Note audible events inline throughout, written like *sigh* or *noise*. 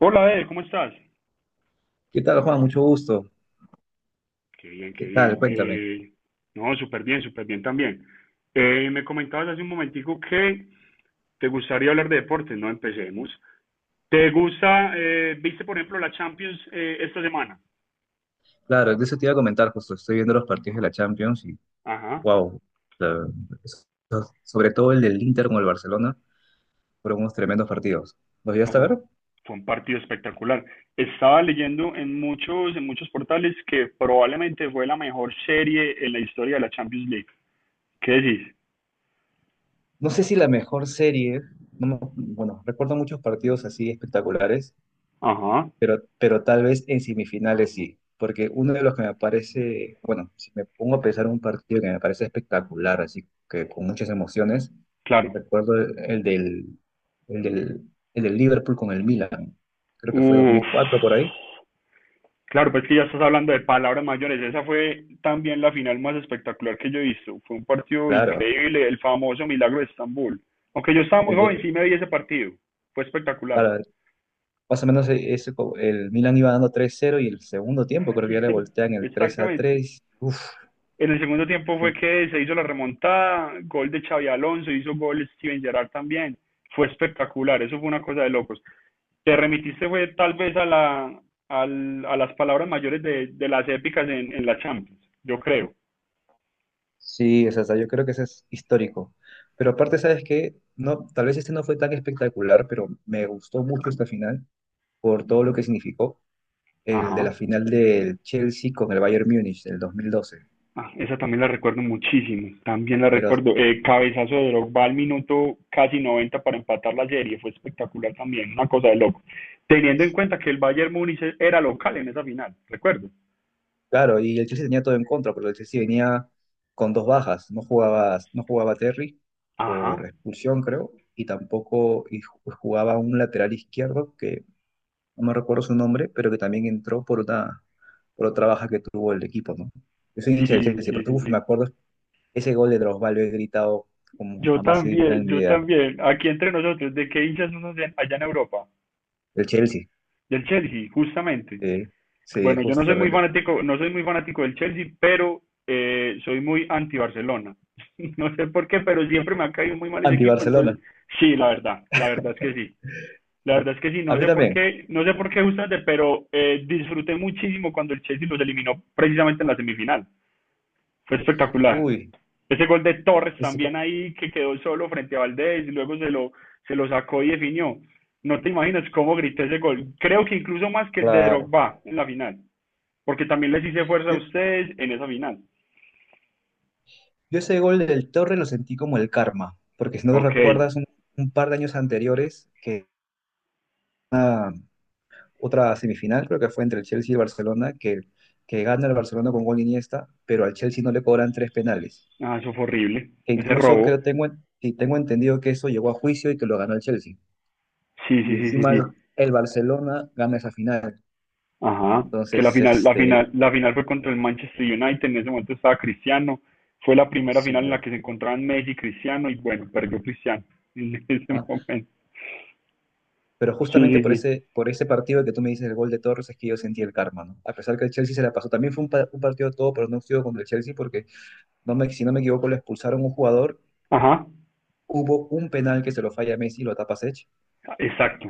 Hola, Ed, ¿cómo estás? ¿Qué tal, Juan? Mucho gusto. Qué bien, qué ¿Qué tal? bien. Cuéntame. No, súper bien también. Me comentabas hace un momentico que te gustaría hablar de deportes, ¿no? Empecemos. ¿Te gusta, viste por ejemplo la Champions esta semana? Claro, de eso te iba a comentar justo. Estoy viendo los partidos de la Champions y, Ajá, wow, sobre todo el del Inter con el Barcelona, fueron unos tremendos partidos. ¿Los no, llegaste a fue ver? un, fue un partido espectacular. Estaba leyendo en muchos portales que probablemente fue la mejor serie en la historia de la Champions League. ¿Qué decís? No sé si la mejor serie, no me- bueno, recuerdo muchos partidos así espectaculares, Ajá, pero tal vez en semifinales sí, porque uno de los que me parece, bueno, si me pongo a pensar en un partido que me parece espectacular, así que con muchas emociones, claro. recuerdo el del Liverpool con el Milan, creo que fue Uf. 2004 por ahí, Claro, pues que ya estás hablando de palabras mayores. Esa fue también la final más espectacular que yo he visto. Fue un partido claro, increíble, el famoso Milagro de Estambul. Aunque yo estaba muy el joven, de- sí me vi ese partido. Fue espectacular. claro, más o menos ese, el Milan iba dando 3-0 y el segundo tiempo creo que ya le voltean *laughs* el Exactamente. 3-3, uff. En el segundo tiempo fue que se hizo la remontada, gol de Xavi Alonso, hizo gol Steven Gerrard también. Fue espectacular, eso fue una cosa de locos. Te remitiste fue tal vez a la a las palabras mayores de las épicas en la Champions, yo creo. Sí, es hasta yo creo que ese es histórico. Pero aparte, ¿sabes qué? No, tal vez este no fue tan espectacular, pero me gustó mucho esta final por todo lo que significó el de Ajá. la final del Chelsea con el Bayern Múnich del 2012. Ah, esa también la recuerdo muchísimo, también la Pero recuerdo. Cabezazo de Drogba al minuto casi 90 para empatar la serie, fue espectacular también, una cosa de loco. Teniendo en cuenta que el Bayern Múnich era local en esa final, recuerdo. claro, y el Chelsea tenía todo en contra, porque el Chelsea venía con dos bajas. No jugaba Terry por Ajá, expulsión, creo, y tampoco jugaba un lateral izquierdo que no me recuerdo su nombre, pero que también entró por otra baja que tuvo el equipo, ¿no? Yo soy hincha sí, del Chelsea, sí, pero sí, uf, me sí. acuerdo ese gol de Drogba lo he gritado como Yo jamás he gritado también, en mi yo vida. también. Aquí entre nosotros, ¿de qué hinchas son allá allá en Europa? El Chelsea, Del Chelsea, justamente. sí, sí, Bueno, yo no soy muy justamente. fanático, no soy muy fanático del Chelsea, pero soy muy anti Barcelona. *laughs* No sé por qué, pero siempre me ha caído muy mal ese equipo, entonces Anti-Barcelona. sí, la verdad es que sí. La Sí. verdad es que sí, A no mí sé por también. qué, no sé por qué justamente, pero disfruté muchísimo cuando el Chelsea los eliminó precisamente en la semifinal. Fue espectacular. Uy, Ese gol de Torres ese, go- también ahí que quedó solo frente a Valdés y luego se lo sacó y definió. No te imaginas cómo grité ese gol. Creo que incluso más que el de claro. Drogba en la final. Porque también les hice fuerza a Yo, ustedes en esa final. yo ese gol del Torre lo sentí como el karma, porque si no te Ok. recuerdas, un par de años anteriores que ah, otra semifinal, creo que fue entre el Chelsea y el Barcelona, que gana el Barcelona con gol de Iniesta, pero al Chelsea no le cobran 3 penales. Ah, eso fue horrible. Que Ese incluso robo. creo tengo, y tengo entendido que eso llegó a juicio y que lo ganó el Chelsea. Sí, sí, Y sí, sí, encima sí. el Barcelona gana esa final. Ajá. Que la Entonces, final, la este, final, la final fue contra el Manchester United. En ese momento estaba Cristiano. Fue la primera sí, final en la creo. que se encontraban Messi y Cristiano. Y bueno, perdió Cristiano *laughs* en ese ¿Ah? momento. Pero Sí, justamente sí, sí. Por ese partido que tú me dices, el gol de Torres, es que yo sentí el karma, ¿no? A pesar que el Chelsea se la pasó. También fue un partido todo pronóstico contra el Chelsea porque, no me, si no me equivoco, lo expulsaron un jugador. Ajá. Hubo un penal que se lo falla Messi y lo tapa Sech. Exacto.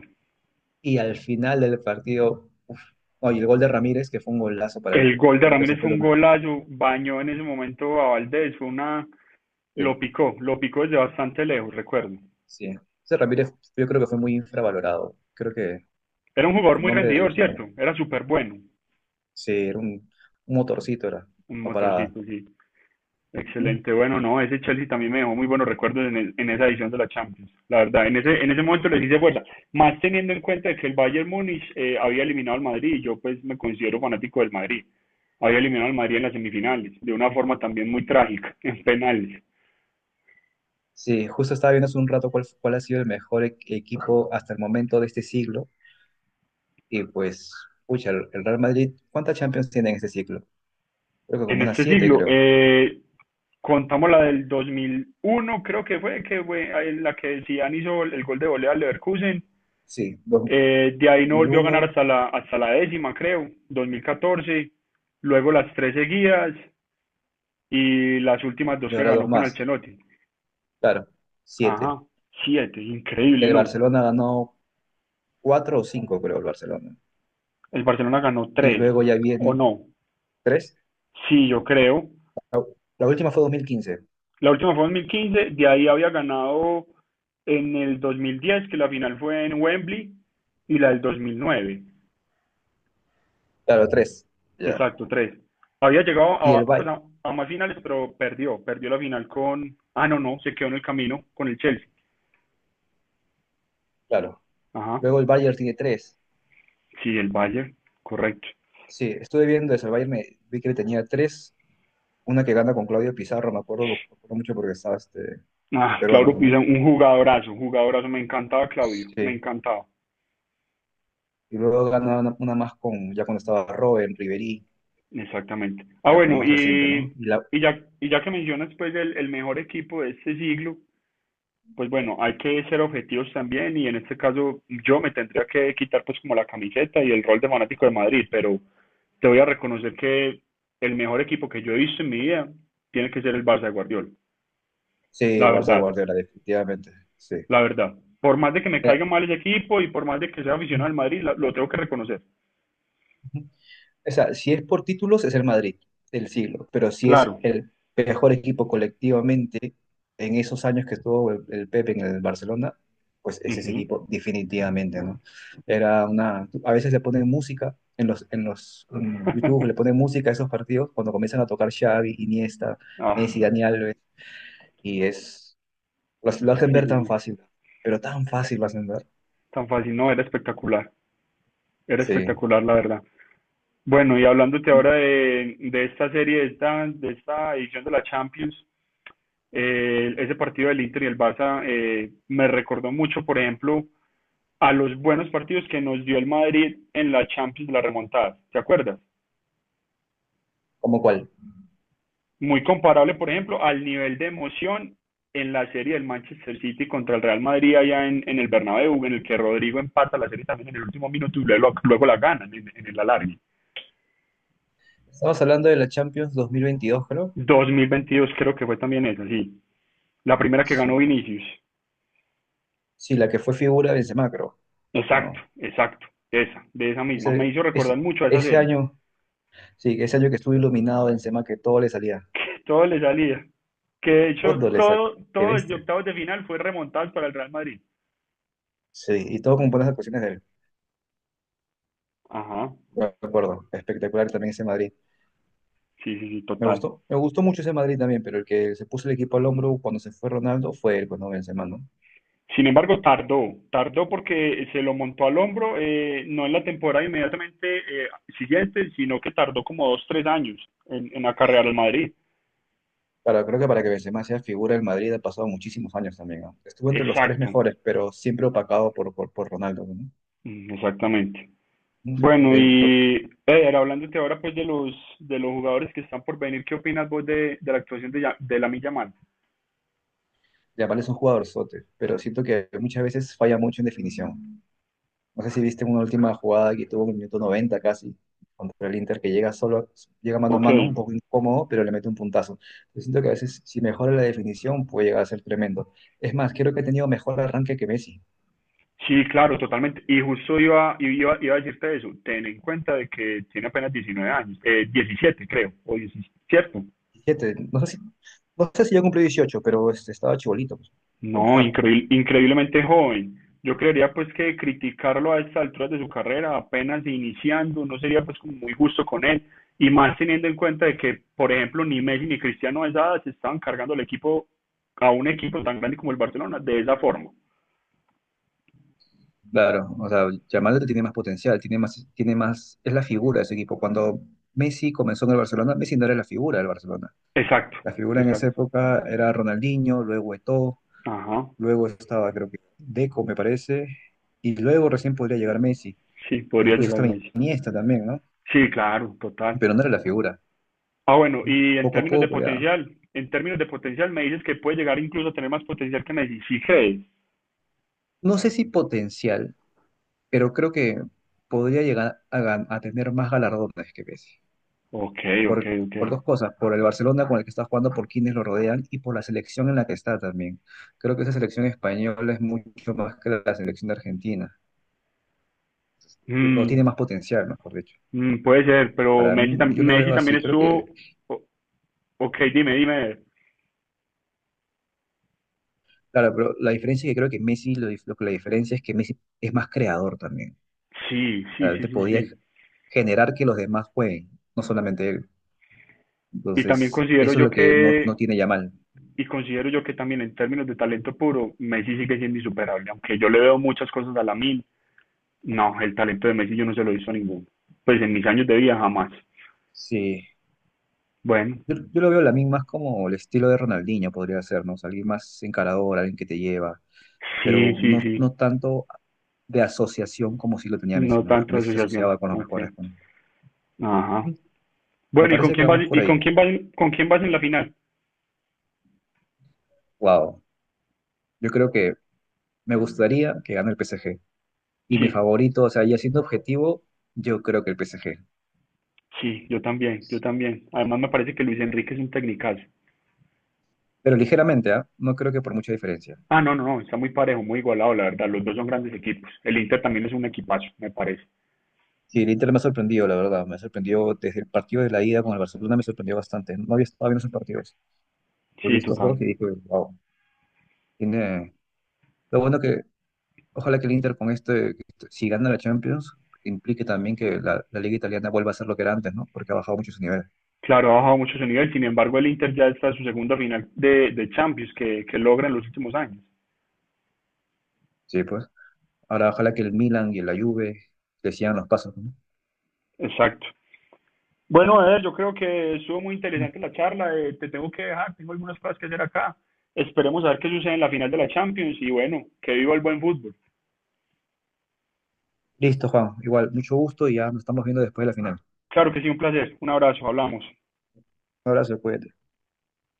Y al final del partido, uf, no, y el gol de Ramírez, que fue un golazo para él. El gol de Creo que ese Ramírez fue fue un lo más. golazo. Bañó en ese momento a Valdés. Fue una. Sí, Lo picó. Lo picó desde bastante lejos, recuerdo. sí. Ese Ramírez, yo creo que fue muy infravalorado. Creo que Era un jugador su muy nombre de Dios rendidor, es un arma. ¿cierto? Era súper bueno. Sí, era un motorcito, era. Un No paraba. motorcito, sí. Ujú. Excelente. Bueno, no, ese Chelsea también me dejó muy buenos recuerdos en esa edición de la Champions. La verdad, en ese momento les hice fuerza. Más teniendo en cuenta que el Bayern Múnich había eliminado al Madrid y yo pues me considero fanático del Madrid. Había eliminado al Madrid en las semifinales, de una forma también muy trágica, *laughs* en penales. Sí, justo estaba viendo hace un rato cuál ha sido el mejor equipo hasta el momento de este siglo. Y pues, pucha, el Real Madrid, ¿cuántas Champions tiene en este siglo? Creo que como En unas este siete, siglo, creo. Contamos la del 2001, creo que fue, la que Zidane hizo el gol de volea al Leverkusen. Sí, De ahí no volvió a ganar 2001 hasta la décima, creo, 2014. Luego las tres seguidas y las últimas dos y que ahora dos ganó con más. Ancelotti. Claro, siete. Ajá, siete, increíble, El ¿no? Barcelona ganó cuatro o cinco, creo, el Barcelona. El Barcelona ganó Y tres, luego ya ¿o viene no? tres. Sí, yo creo. La última fue 2015. La última fue en 2015. De ahí había ganado en el 2010, que la final fue en Wembley, y la del 2009. Claro, tres. Ya. Exacto, tres. Había llegado Y a, el pues Bayern, a más finales, pero perdió. Perdió la final con. Ah, no, no, se quedó en el camino con el Chelsea. claro. Ajá, Luego el Bayern tiene tres. sí, el Bayern, correcto. Sí, estuve viendo eso. El Bayern me, vi que tenía tres. Una que gana con Claudio Pizarro, me acuerdo mucho porque estaba este, Ah, peruano, Claudio ¿no? Pisa, un jugadorazo, un jugadorazo. Me encantaba Claudio, me Sí. encantaba. Y luego gana una más con, ya cuando estaba Robben, Ribery, Exactamente. Ah, ya, pero bueno, más reciente, ¿no? y, Y la, y, ya, y ya que mencionas pues el mejor equipo de este siglo, pues bueno, hay que ser objetivos también y en este caso yo me tendría que quitar pues como la camiseta y el rol de fanático de Madrid, pero te voy a reconocer que el mejor equipo que yo he visto en mi vida tiene que ser el Barça de Guardiola. sí, La el Barça de verdad, Guardiola, definitivamente. Sí. la verdad. Por más de que me Ya. caiga mal ese equipo y por más de que sea aficionado al Madrid, lo tengo que reconocer. O sea, si es por títulos, es el Madrid del siglo, pero si es Claro. el mejor equipo colectivamente en esos años que estuvo el Pepe en el Barcelona, pues es ese Ujú. equipo definitivamente, ¿no? Era una, a veces le ponen música en los, en los en *laughs* YouTube, le ponen música a esos partidos cuando comienzan a tocar Xavi, Iniesta, ah, Messi, Dani Alves, y es, lo hacen sí, ver sí, tan sí. fácil, pero tan fácil lo hacen ver. Tan fácil, no, era espectacular. Era Sí. espectacular, la verdad. Bueno, y hablándote ahora de esta serie, de esta edición de la Champions, ese partido del Inter y el Barça me recordó mucho, por ejemplo, a los buenos partidos que nos dio el Madrid en la Champions, la remontada, ¿te acuerdas? ¿Como cuál? Muy comparable, por ejemplo, al nivel de emoción en la serie del Manchester City contra el Real Madrid allá en el Bernabéu, en el que Rodrigo empata la serie también en el último minuto y luego la gana en el alargue. Estamos hablando de la Champions 2022, creo. 2022 creo que fue también esa, sí. La primera que ganó Sí. Vinicius. Sí, la que fue figura de Benzema, creo. ¿O Exacto, no? exacto, esa, de esa misma. Me Ese, hizo recordar ese, mucho a esa ese serie. año, *laughs* sí, ese año que estuvo iluminado Benzema, que todo le salía. Que todo le salía. Que de hecho, Todo le salía. todo, Qué todo desde bestia. octavos de final fue remontado para el Real Madrid. Sí, y todo con buenas actuaciones de él. Ajá, De acuerdo. Espectacular también ese Madrid. sí, sí, sí, Me total. gustó, me gustó mucho ese Madrid también, pero el que se puso el equipo al hombro cuando se fue Ronaldo fue él, pues no Benzema, ¿no? Sin embargo, tardó porque se lo montó al hombro, no en la temporada inmediatamente siguiente, sino que tardó como dos, tres años en acarrear al Madrid. Para, creo que para que Benzema sea figura del Madrid ha pasado muchísimos años también, ¿no? Estuvo entre los tres Exacto, mejores, pero siempre opacado por Ronaldo, ¿no? mm, exactamente. ¿No? Bueno, Porque y Eder, hablándote ahora pues de los jugadores que están por venir, ¿qué opinas vos de la actuación de Lamine Yamal? Yamal es un jugador sote, pero siento que muchas veces falla mucho en definición. No sé si viste una última jugada que tuvo en el minuto 90 casi contra el Inter, que llega solo, llega mano a Ok, mano, un poco incómodo, pero le mete un puntazo. Yo siento que a veces si mejora la definición puede llegar a ser tremendo. Es más, creo que ha tenido mejor arranque que Messi. sí, claro, totalmente. Y justo iba a decirte eso. Ten en cuenta de que tiene apenas 19 años, 17 creo, o 17, ¿cierto? 17, no sé si, no sé si ya cumplió 18, pero este, estaba chibolito, pues, como No, está. increíble, increíblemente joven. Yo creería pues que criticarlo a estas alturas de su carrera, apenas iniciando, no sería pues como muy justo con él. Y más teniendo en cuenta de que, por ejemplo, ni Messi ni Cristiano a esa edad se estaban cargando el equipo a un equipo tan grande como el Barcelona de esa forma. Claro, o sea, Yamal tiene más potencial, tiene más, es la figura de ese equipo. Cuando Messi comenzó en el Barcelona, Messi no era la figura del Barcelona. Exacto, La figura en esa exacto. época era Ronaldinho, luego Eto'o, Ajá, luego estaba creo que Deco, me parece, y luego recién podría llegar Messi, sí, o podría incluso llegar estaba más. Iniesta también, ¿no? Sí, claro, total. Pero no era la figura. Ah, bueno, ¿No? y en Poco a términos de poco ya. potencial, en términos de potencial me dices que puede llegar incluso a tener más potencial que Messi, ¿sí crees? No sé si potencial, pero creo que podría llegar a, a tener más galardones que Messi. Ok, ok, Por, ok. por dos cosas, por el Barcelona con el que está jugando, por quienes lo rodean y por la selección en la que está también. Creo que esa selección española es mucho más que la selección de Argentina, o tiene más Mm, potencial, mejor dicho. puede ser, pero Para Messi, tam- mí, yo lo veo Messi también así. Creo que, estuvo... o- Ok, dime, dime. claro, pero la diferencia es que creo que Messi, lo, lo que la diferencia es que Messi es más creador también. Sí, O sí, sea, él sí, te sí, podía sí. generar que los demás jueguen, no solamente él. Y también Entonces, considero eso es yo lo que no que, tiene Yamal. y considero yo que también en términos de talento puro, Messi sigue siendo insuperable. Aunque yo le veo muchas cosas a Lamine, no, el talento de Messi yo no se lo he visto a ninguno. Pues en mis años de vida jamás. Sí. Bueno, Yo lo veo la misma más como el estilo de Ronaldinho podría ser, ¿no? O sea, alguien más encarador, alguien que te lleva, sí, pero sí, sí. no tanto de asociación como si lo tenía Messi, No ¿no? Porque tanto Messi se asociación. asociaba con los Ok. mejores. ¿No? Ajá. Me Bueno, ¿y con parece que quién vas, vamos por y ahí. Con quién vas en la final? Wow. Yo creo que me gustaría que gane el PSG. Y mi Sí, favorito, o sea, ya siendo objetivo, yo creo que el PSG. sí, yo también, yo también. Además me parece que Luis Enrique es un tecnicazo. Pero ligeramente, ¿ah? No creo que por mucha diferencia. Ah, no, no, no, está muy parejo, muy igualado, la verdad. Los dos son grandes equipos. El Inter también es un equipazo, me parece. Sí, el Inter me ha sorprendido, la verdad. Me ha sorprendido desde el partido de la ida con el Barcelona, me sorprendió bastante. No había estado viendo esos partidos. Y Sí, vi estos dos total. y dije, wow. Tiene... Lo bueno que, ojalá que el Inter con este, si gana la Champions, implique también que la, la Liga Italiana vuelva a ser lo que era antes, ¿no? Porque ha bajado mucho su nivel. Claro, ha bajado mucho su nivel. Sin embargo, el Inter ya está en su segunda final de Champions que logra en los últimos años. Sí, pues. Ahora, ojalá que el Milan y la Juve le sigan los pasos, ¿no? Exacto. Bueno, Eder, yo creo que estuvo muy interesante la charla. Te tengo que dejar, tengo algunas cosas que hacer acá. Esperemos a ver qué sucede en la final de la Champions y bueno, que viva el buen fútbol. Listo, Juan. Igual, mucho gusto y ya nos estamos viendo después de la final. Claro que sí, un placer. Un abrazo, hablamos. Un abrazo, cuídate.